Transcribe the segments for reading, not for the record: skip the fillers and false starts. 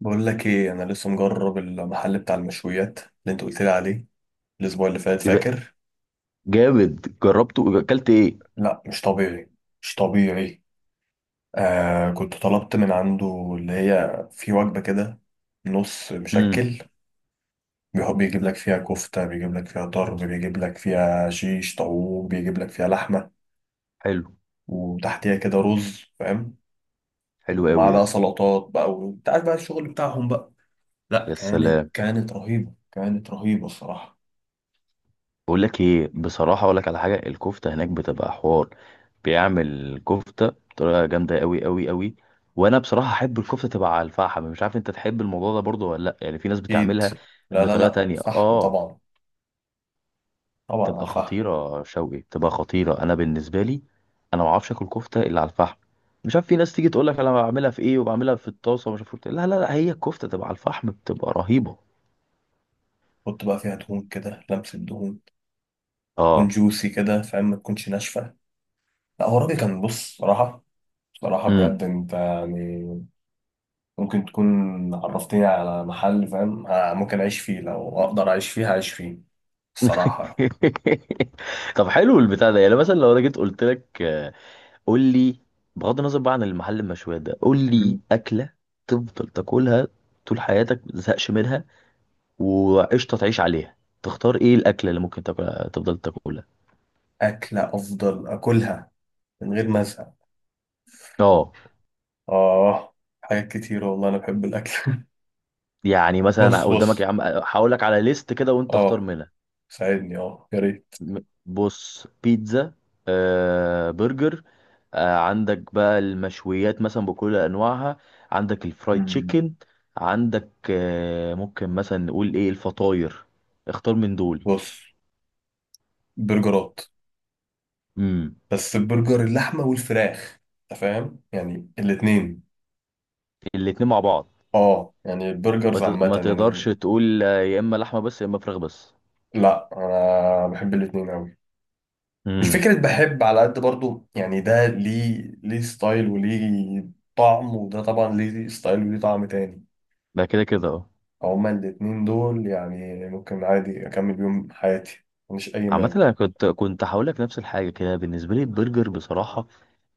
بقول لك ايه؟ انا لسه مجرب المحل بتاع المشويات اللي انت قلت لي عليه الاسبوع اللي فات، ايه ده؟ فاكر؟ جامد، جربته، اكلت ايه؟ لا مش طبيعي، مش طبيعي. آه كنت طلبت من عنده، اللي هي في وجبة كده، نص امم. مشكل. بيحب بيجيب لك فيها كفتة، بيجيب لك فيها طرب، بيجيب لك فيها شيش طاووق، بيجيب لك فيها لحمة، حلو. وتحتيها كده رز، فاهم؟ حلو ومعاه قوي ده. بقى سلطات بقى، وانت عارف بقى الشغل بتاعهم بقى. لا، يا كانت سلام. كانت رهيبة، كانت رهيبة الصراحة. بقول لك ايه، بصراحه اقول لك على حاجه، الكفته هناك بتبقى حوار. بيعمل كفته بطريقه جامده قوي قوي قوي. وانا بصراحه احب الكفته تبقى على الفحم، مش عارف انت تحب الموضوع ده برضه ولا لا، يعني في ناس اكيد. بتعملها لا لا بطريقه لا، تانية. فحم اه، طبعا. طبعا على تبقى الفحم. خطيره شوقي، تبقى خطيره. انا بالنسبه لي، انا ما اعرفش اكل كفته الا على الفحم. مش عارف، في ناس تيجي تقول لك انا بعملها في ايه وبعملها في الطاسه ومش عارف إيه. لا لا لا، هي الكفته تبقى على الفحم بتبقى رهيبه. حط بقى فيها دهون كده، لمسة دهون، تكون اه. جوسي كده فاهم، ما تكونش ناشفة. لا هو الراجل كان بص صراحة، صراحة امم. بجد انت يعني ممكن تكون عرفتني على محل فاهم، ممكن اعيش فيه، لو اقدر اعيش فيه هعيش فيه الصراحة. طب حلو البتاع ده. يعني مثلا لو انا جيت قلت لك قول لي، بغض النظر بقى عن المحل المشويات ده، قول لي مم. اكله تفضل تاكلها طول حياتك ما تزهقش منها، وقشطه تعيش عليها. تختار ايه الاكله اللي ممكن تاكلها تفضل تاكلها؟ أكلة أفضل أكلها من غير ما أزهق. اه. آه. حاجات كتير والله، أنا بحب الأكل. يعني مثلا بص قدامك، يا بص، عم هقول لك على ليست كده وانت اختار آه منها. ساعدني آه يا ريت. م- بص، بيتزا، برجر، عندك بقى المشويات مثلا بكل انواعها، عندك الفرايد مم. تشيكن، عندك ممكن مثلا نقول ايه الفطاير. اختار من دول. بص، برجرات، امم. بس البرجر اللحمة والفراخ، انت فاهم يعني الاتنين. الاتنين مع بعض. اه يعني البرجرز عامة ما تقدرش يعني. تقول، يا اما لحمه بس يا اما فراخ بس. لا انا بحب الاتنين اوي، مش امم. فكرة بحب على قد برضو، يعني ده ليه، ليه ستايل وليه طعم، وده طبعا ليه ستايل وليه طعم تاني. ده كده كده اه. هما الاتنين دول يعني ممكن عادي اكمل بيهم حياتي، مش اي عامة مانع. انا كنت هقول لك نفس الحاجة كده، بالنسبة لي البرجر بصراحة،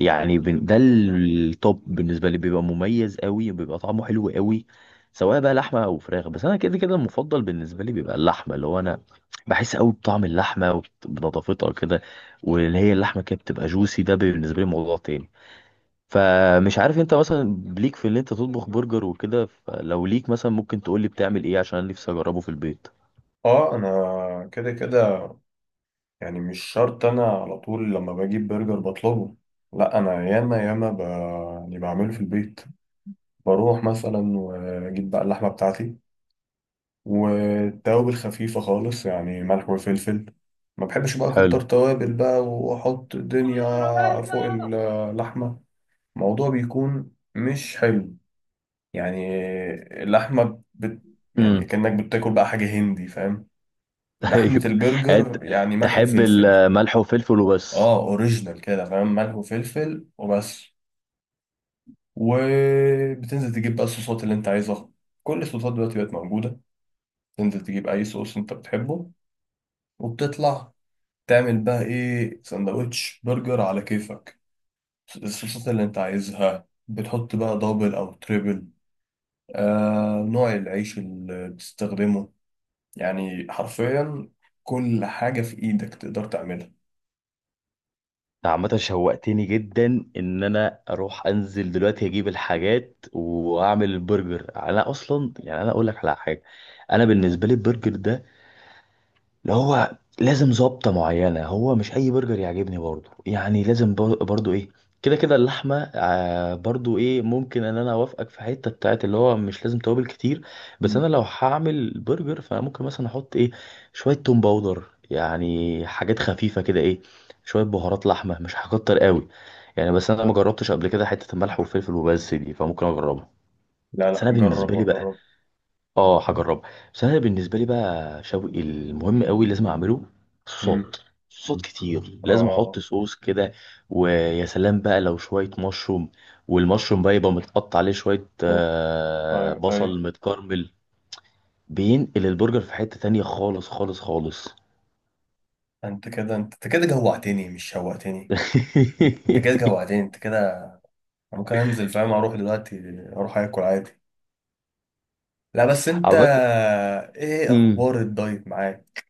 يعني ده التوب بالنسبه لي، بيبقى مميز قوي وبيبقى طعمه حلو قوي سواء بقى لحمه او فراخ. بس انا كده كده المفضل بالنسبه لي بيبقى اللحمه، اللي هو انا بحس قوي بطعم اللحمه، بنضافتها كده، واللي هي اللحمه كده بتبقى جوسي، ده بالنسبه لي موضوع تاني. فمش عارف انت مثلا ليك في ان انت تطبخ برجر وكده، فلو ليك مثلا ممكن تقول لي بتعمل ايه عشان انا نفسي اجربه في البيت. اه انا كده كده، يعني مش شرط انا على طول لما بجيب برجر بطلبه، لا انا ياما ياما يعني بعمله في البيت. بروح مثلا واجيب بقى اللحمه بتاعتي، والتوابل خفيفه خالص، يعني ملح وفلفل. ما بحبش بقى حلو. اكتر توابل بقى، واحط دنيا فوق اللحمه، الموضوع بيكون مش حلو. يعني اللحمه بت... يعني امم. كأنك بتاكل بقى حاجه هندي فاهم. لحمه ايوه. أنت البرجر يعني ملح تحب وفلفل. الملح وفلفل وبس؟ اه اوريجينال كده فاهم، ملح وفلفل وبس. وبتنزل تجيب بقى الصوصات اللي انت عايزها، كل الصوصات دلوقتي بقت موجوده. تنزل تجيب اي صوص انت بتحبه، وبتطلع تعمل بقى ايه، سندوتش برجر على كيفك. الصوصات اللي انت عايزها بتحط بقى دبل او تريبل، آه نوع العيش اللي بتستخدمه. يعني حرفيا كل حاجة في ايدك تقدر تعملها. عامة شوقتني جدا ان انا اروح انزل دلوقتي اجيب الحاجات واعمل البرجر. انا اصلا يعني انا اقول لك على حاجه، انا بالنسبه لي البرجر ده اللي هو لازم ظبطة معينة، هو مش أي برجر يعجبني برضو، يعني لازم برضو إيه، كده كده اللحمة، برضو إيه ممكن إن أنا أوافقك في حتة بتاعت اللي هو مش لازم توابل كتير. بس مم. أنا لو هعمل برجر فأنا ممكن مثلا أحط إيه شوية توم باودر، يعني حاجات خفيفة كده إيه، شوية بهارات لحمة، مش هكتر قوي يعني. بس أنا ما جربتش قبل كده حتة الملح والفلفل وبس دي، فممكن أجربها. لا بس لا، أنا جرب بالنسبة لي بقى، وجرب. اه هجربها، بس انا بالنسبه لي بقى شوقي المهم قوي لازم اعمله مم. صوت صوت كتير، لازم احط اه. صوص كده، ويا سلام بقى لو شويه مشروم، والمشروم بقى يبقى متقطع عليه شويه، أوه. ايوه ايوه. بصل متكرمل، بينقل البرجر في حته تانية خالص خالص خالص. انت كده انت كده جوعتني مش شوقتني، انت كده جوعتني انت كده. ممكن انزل فاهم، اروح دلوقتي اروح اكل عادي. لا بس انت، عملت. ايه امم. اخبار الدايت معاك؟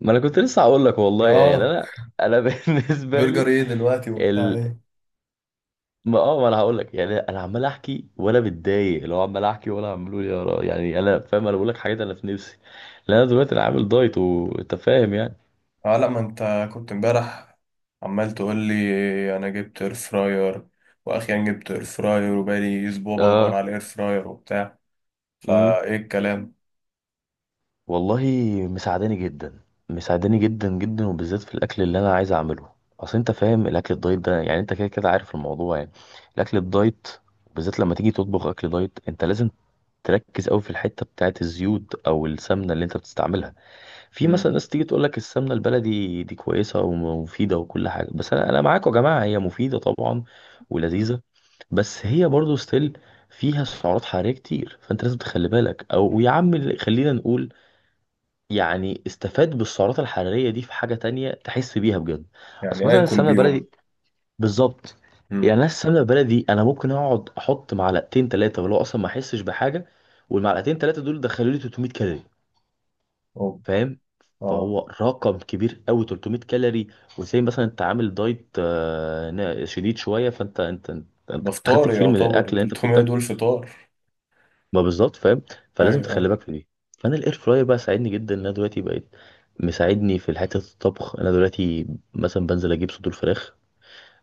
ما انا كنت لسه هقول لك والله، يعني اه انا بالنسبه برجر لي، ايه دلوقتي وبتاع ايه؟ ما انا هقول لك، يعني انا عمال احكي ولا بتضايق لو عمال احكي ولا عمال يا را، يعني انا فاهم، انا بقول لك حاجات انا في نفسي لان انا دلوقتي انا عامل دايت وانت فاهم يعني. اه لا ما انت كنت امبارح عمال تقول لي انا جبت اير فراير، واخيرا جبت اير فراير وبقالي اسبوع بدور اه. على اير فراير وبتاع. امم. فايه الكلام؟ والله مساعداني جدا، مساعداني جدا جدا، وبالذات في الاكل اللي انا عايز اعمله. اصل انت فاهم الاكل الدايت ده، يعني انت كده كده عارف الموضوع يعني، الاكل الدايت بالذات لما تيجي تطبخ اكل دايت، انت لازم تركز قوي في الحته بتاعت الزيوت او السمنه اللي انت بتستعملها. في مم. مثلا ناس تيجي تقول لك السمنه البلدي دي كويسه ومفيده وكل حاجه، بس انا معاكم يا جماعه، هي مفيده طبعا، ولذيذه، بس هي برضو ستيل فيها سعرات حراريه كتير، فانت لازم تخلي بالك، او يا عم خلينا نقول يعني استفاد بالسعرات الحراريه دي في حاجه تانية تحس بيها بجد. اصل يعني مثلا اكل السمنه بيهم. البلدي، بالظبط، يعني مم. انا السمنه البلدي انا ممكن اقعد احط معلقتين ثلاثه ولو اصلا ما احسش بحاجه، والمعلقتين ثلاثه دول دخلوا لي 300 كالوري، أوه. فاهم، اه. فهو رقم كبير قوي 300 كالوري. وزي مثلا انت عامل دايت شديد شويه، فانت انت ده خدت فطار، كتير من الاكل يعتبر اللي انت المفروض 300 تاكله. دول فطار. ما بالظبط فاهم، فلازم تخلي ايوه. بالك في دي. فانا الاير فراير بقى ساعدني جدا ان انا دلوقتي بقيت مساعدني في حته الطبخ. انا دلوقتي مثلا بنزل اجيب صدور فراخ،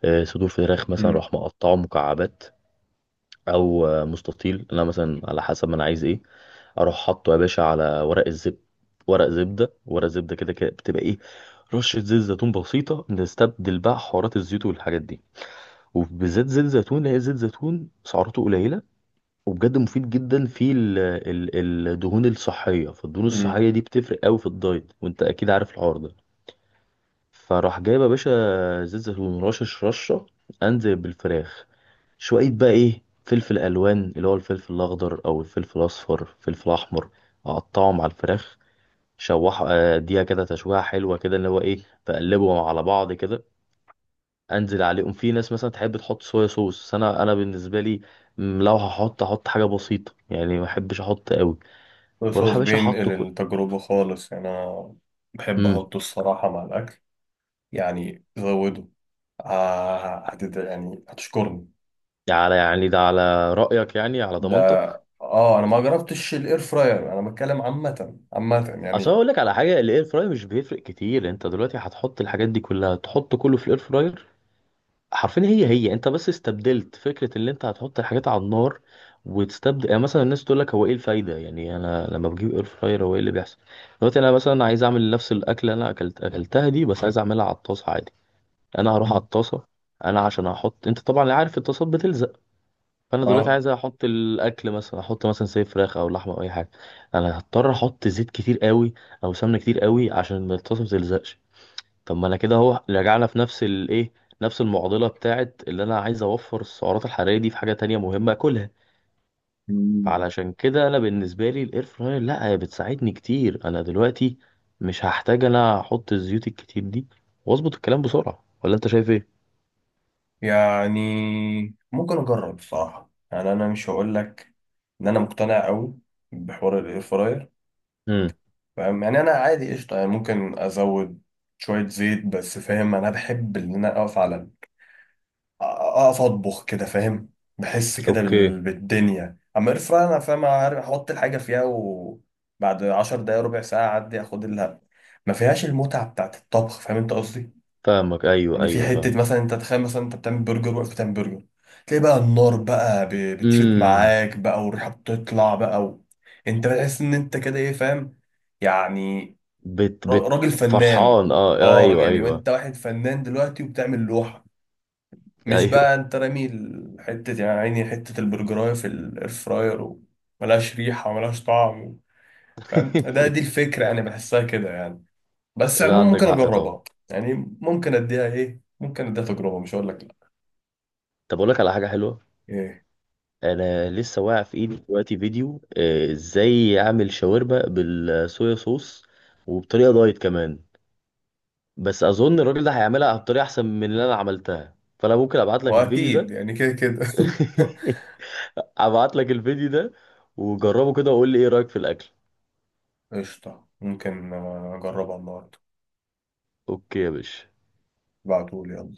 صدور فراخ مثلا امم. اروح مقطعه مكعبات او مستطيل، انا مثلا على حسب ما انا عايز ايه. اروح حاطه يا باشا على ورق الزبده، ورق زبده ورق زبده كده كده بتبقى ايه، رشه زيت زيتون بسيطه نستبدل بقى حوارات الزيوت والحاجات دي، وبالذات زيت زيتون اللي هي زيت زيتون سعراته قليله، وبجد مفيد جدا في الدهون الصحيه. فالدهون امم. الصحيه دي بتفرق قوي في الدايت وانت اكيد عارف الحوار ده. فراح جايب يا باشا زيت زيتون رشش رشة، انزل بالفراخ، شوية بقى ايه فلفل الوان اللي هو الفلفل الاخضر او الفلفل الاصفر فلفل احمر، اقطعهم على الفراخ، شوح اديها كده تشويحة حلوة كده، اللي هو ايه، بقلبهم على بعض كده. انزل عليهم، في ناس مثلا تحب تحط صويا صوص، بس انا، بالنسبة لي لو احط حاجة بسيطة يعني، ما احبش احط قوي، بص واروح يا باشا احط بينقل كل. التجربة خالص، يعني انا بحب امم. احطه الصراحة مع الاكل، يعني زوده. يعني هتشكرني على، يعني ده على رأيك يعني على ده. ضمانتك. اه انا ما جربتش الاير فراير، انا بتكلم عامة عامة اصل يعني. اقول لك على حاجه، الاير فراير مش بيفرق كتير، انت دلوقتي هتحط الحاجات دي كلها، تحط كله في الاير فراير حرفيا. هي هي، انت بس استبدلت فكره اللي انت هتحط الحاجات على النار. وتستبدل، يعني مثلا الناس تقول لك هو ايه الفايده يعني، انا لما بجيب اير فراير هو ايه اللي بيحصل؟ دلوقتي انا مثلا عايز اعمل نفس الاكله اللي انا اكلتها دي بس عايز اعملها على الطاسه عادي، انا هروح على مم. الطاسه، انا عشان احط، انت طبعا عارف الطاسات بتلزق، فانا دلوقتي اه. عايز احط الاكل، مثلا احط مثلا زي فراخ او لحمه او اي حاجه، انا هضطر احط زيت كتير قوي او سمنه كتير قوي عشان الطاسه ما تلزقش. طب ما انا كده اهو رجعنا في نفس الايه، نفس المعضله بتاعت اللي انا عايز اوفر السعرات الحراريه دي في حاجه تانية مهمه اكلها. مم. فعلشان كده انا بالنسبه لي الاير فراير، لا هي بتساعدني كتير، انا دلوقتي مش هحتاج انا احط الزيوت الكتير دي واظبط الكلام بسرعه، ولا انت شايف ايه؟ يعني ممكن اجرب بصراحة، يعني انا مش هقول لك ان انا مقتنع قوي بحوار الاير فراير، امم. فاهم يعني. انا عادي قشطة، يعني ممكن ازود شوية زيت بس، فاهم. انا بحب ان انا اقف على، اقف اطبخ كده فاهم، بحس كده اوكي. بالدنيا. اما اير فراير انا فاهم، عارف احط الحاجه فيها وبعد 10 دقايق ربع ساعه اعدي اخد لها، ما فيهاش المتعه بتاعت الطبخ، فاهم انت قصدي. فاهمك، ايوه يعني في ايوه فاهم. حته مثلا، انت تخيل مثلا انت بتعمل برجر، واقف بتعمل برجر، تلاقي بقى النار بقى بتشوت امم. معاك بقى، والريحه بتطلع بقى و... انت بتحس ان انت كده ايه فاهم يعني، بت بت راجل فنان. فرحان، اه اه راجل ايوه يعني، ايوه وانت واحد فنان دلوقتي وبتعمل لوحه، مش بقى ايوه. انت رامي حتة يعني، عيني حتة البرجراية في الاير فراير، وملهاش ريحة وملهاش طعم و... فاهم؟ ده دي الفكرة يعني بحسها كده يعني. بس لا عموما ممكن عندك حق طبعا. اجربها يعني، ممكن اديها ايه ممكن اديها تجربة، مش هقول لك لا. طب اقول لك على حاجه حلوه. ايه؟ انا لسه واقع في ايدي دلوقتي فيديو ازاي اعمل شاورما بالصويا صوص، وبطريقه دايت كمان، بس اظن الراجل ده هيعملها بطريقه احسن من اللي انا عملتها، فانا ممكن ابعت لك الفيديو واكيد ده. يعني كده كده. ابعت لك الفيديو ده وجربه كده وقول لي ايه رايك في الاكل. قشطة، ممكن اجربها النهاردة. اوكي يا باشا. ابعتولي يلا.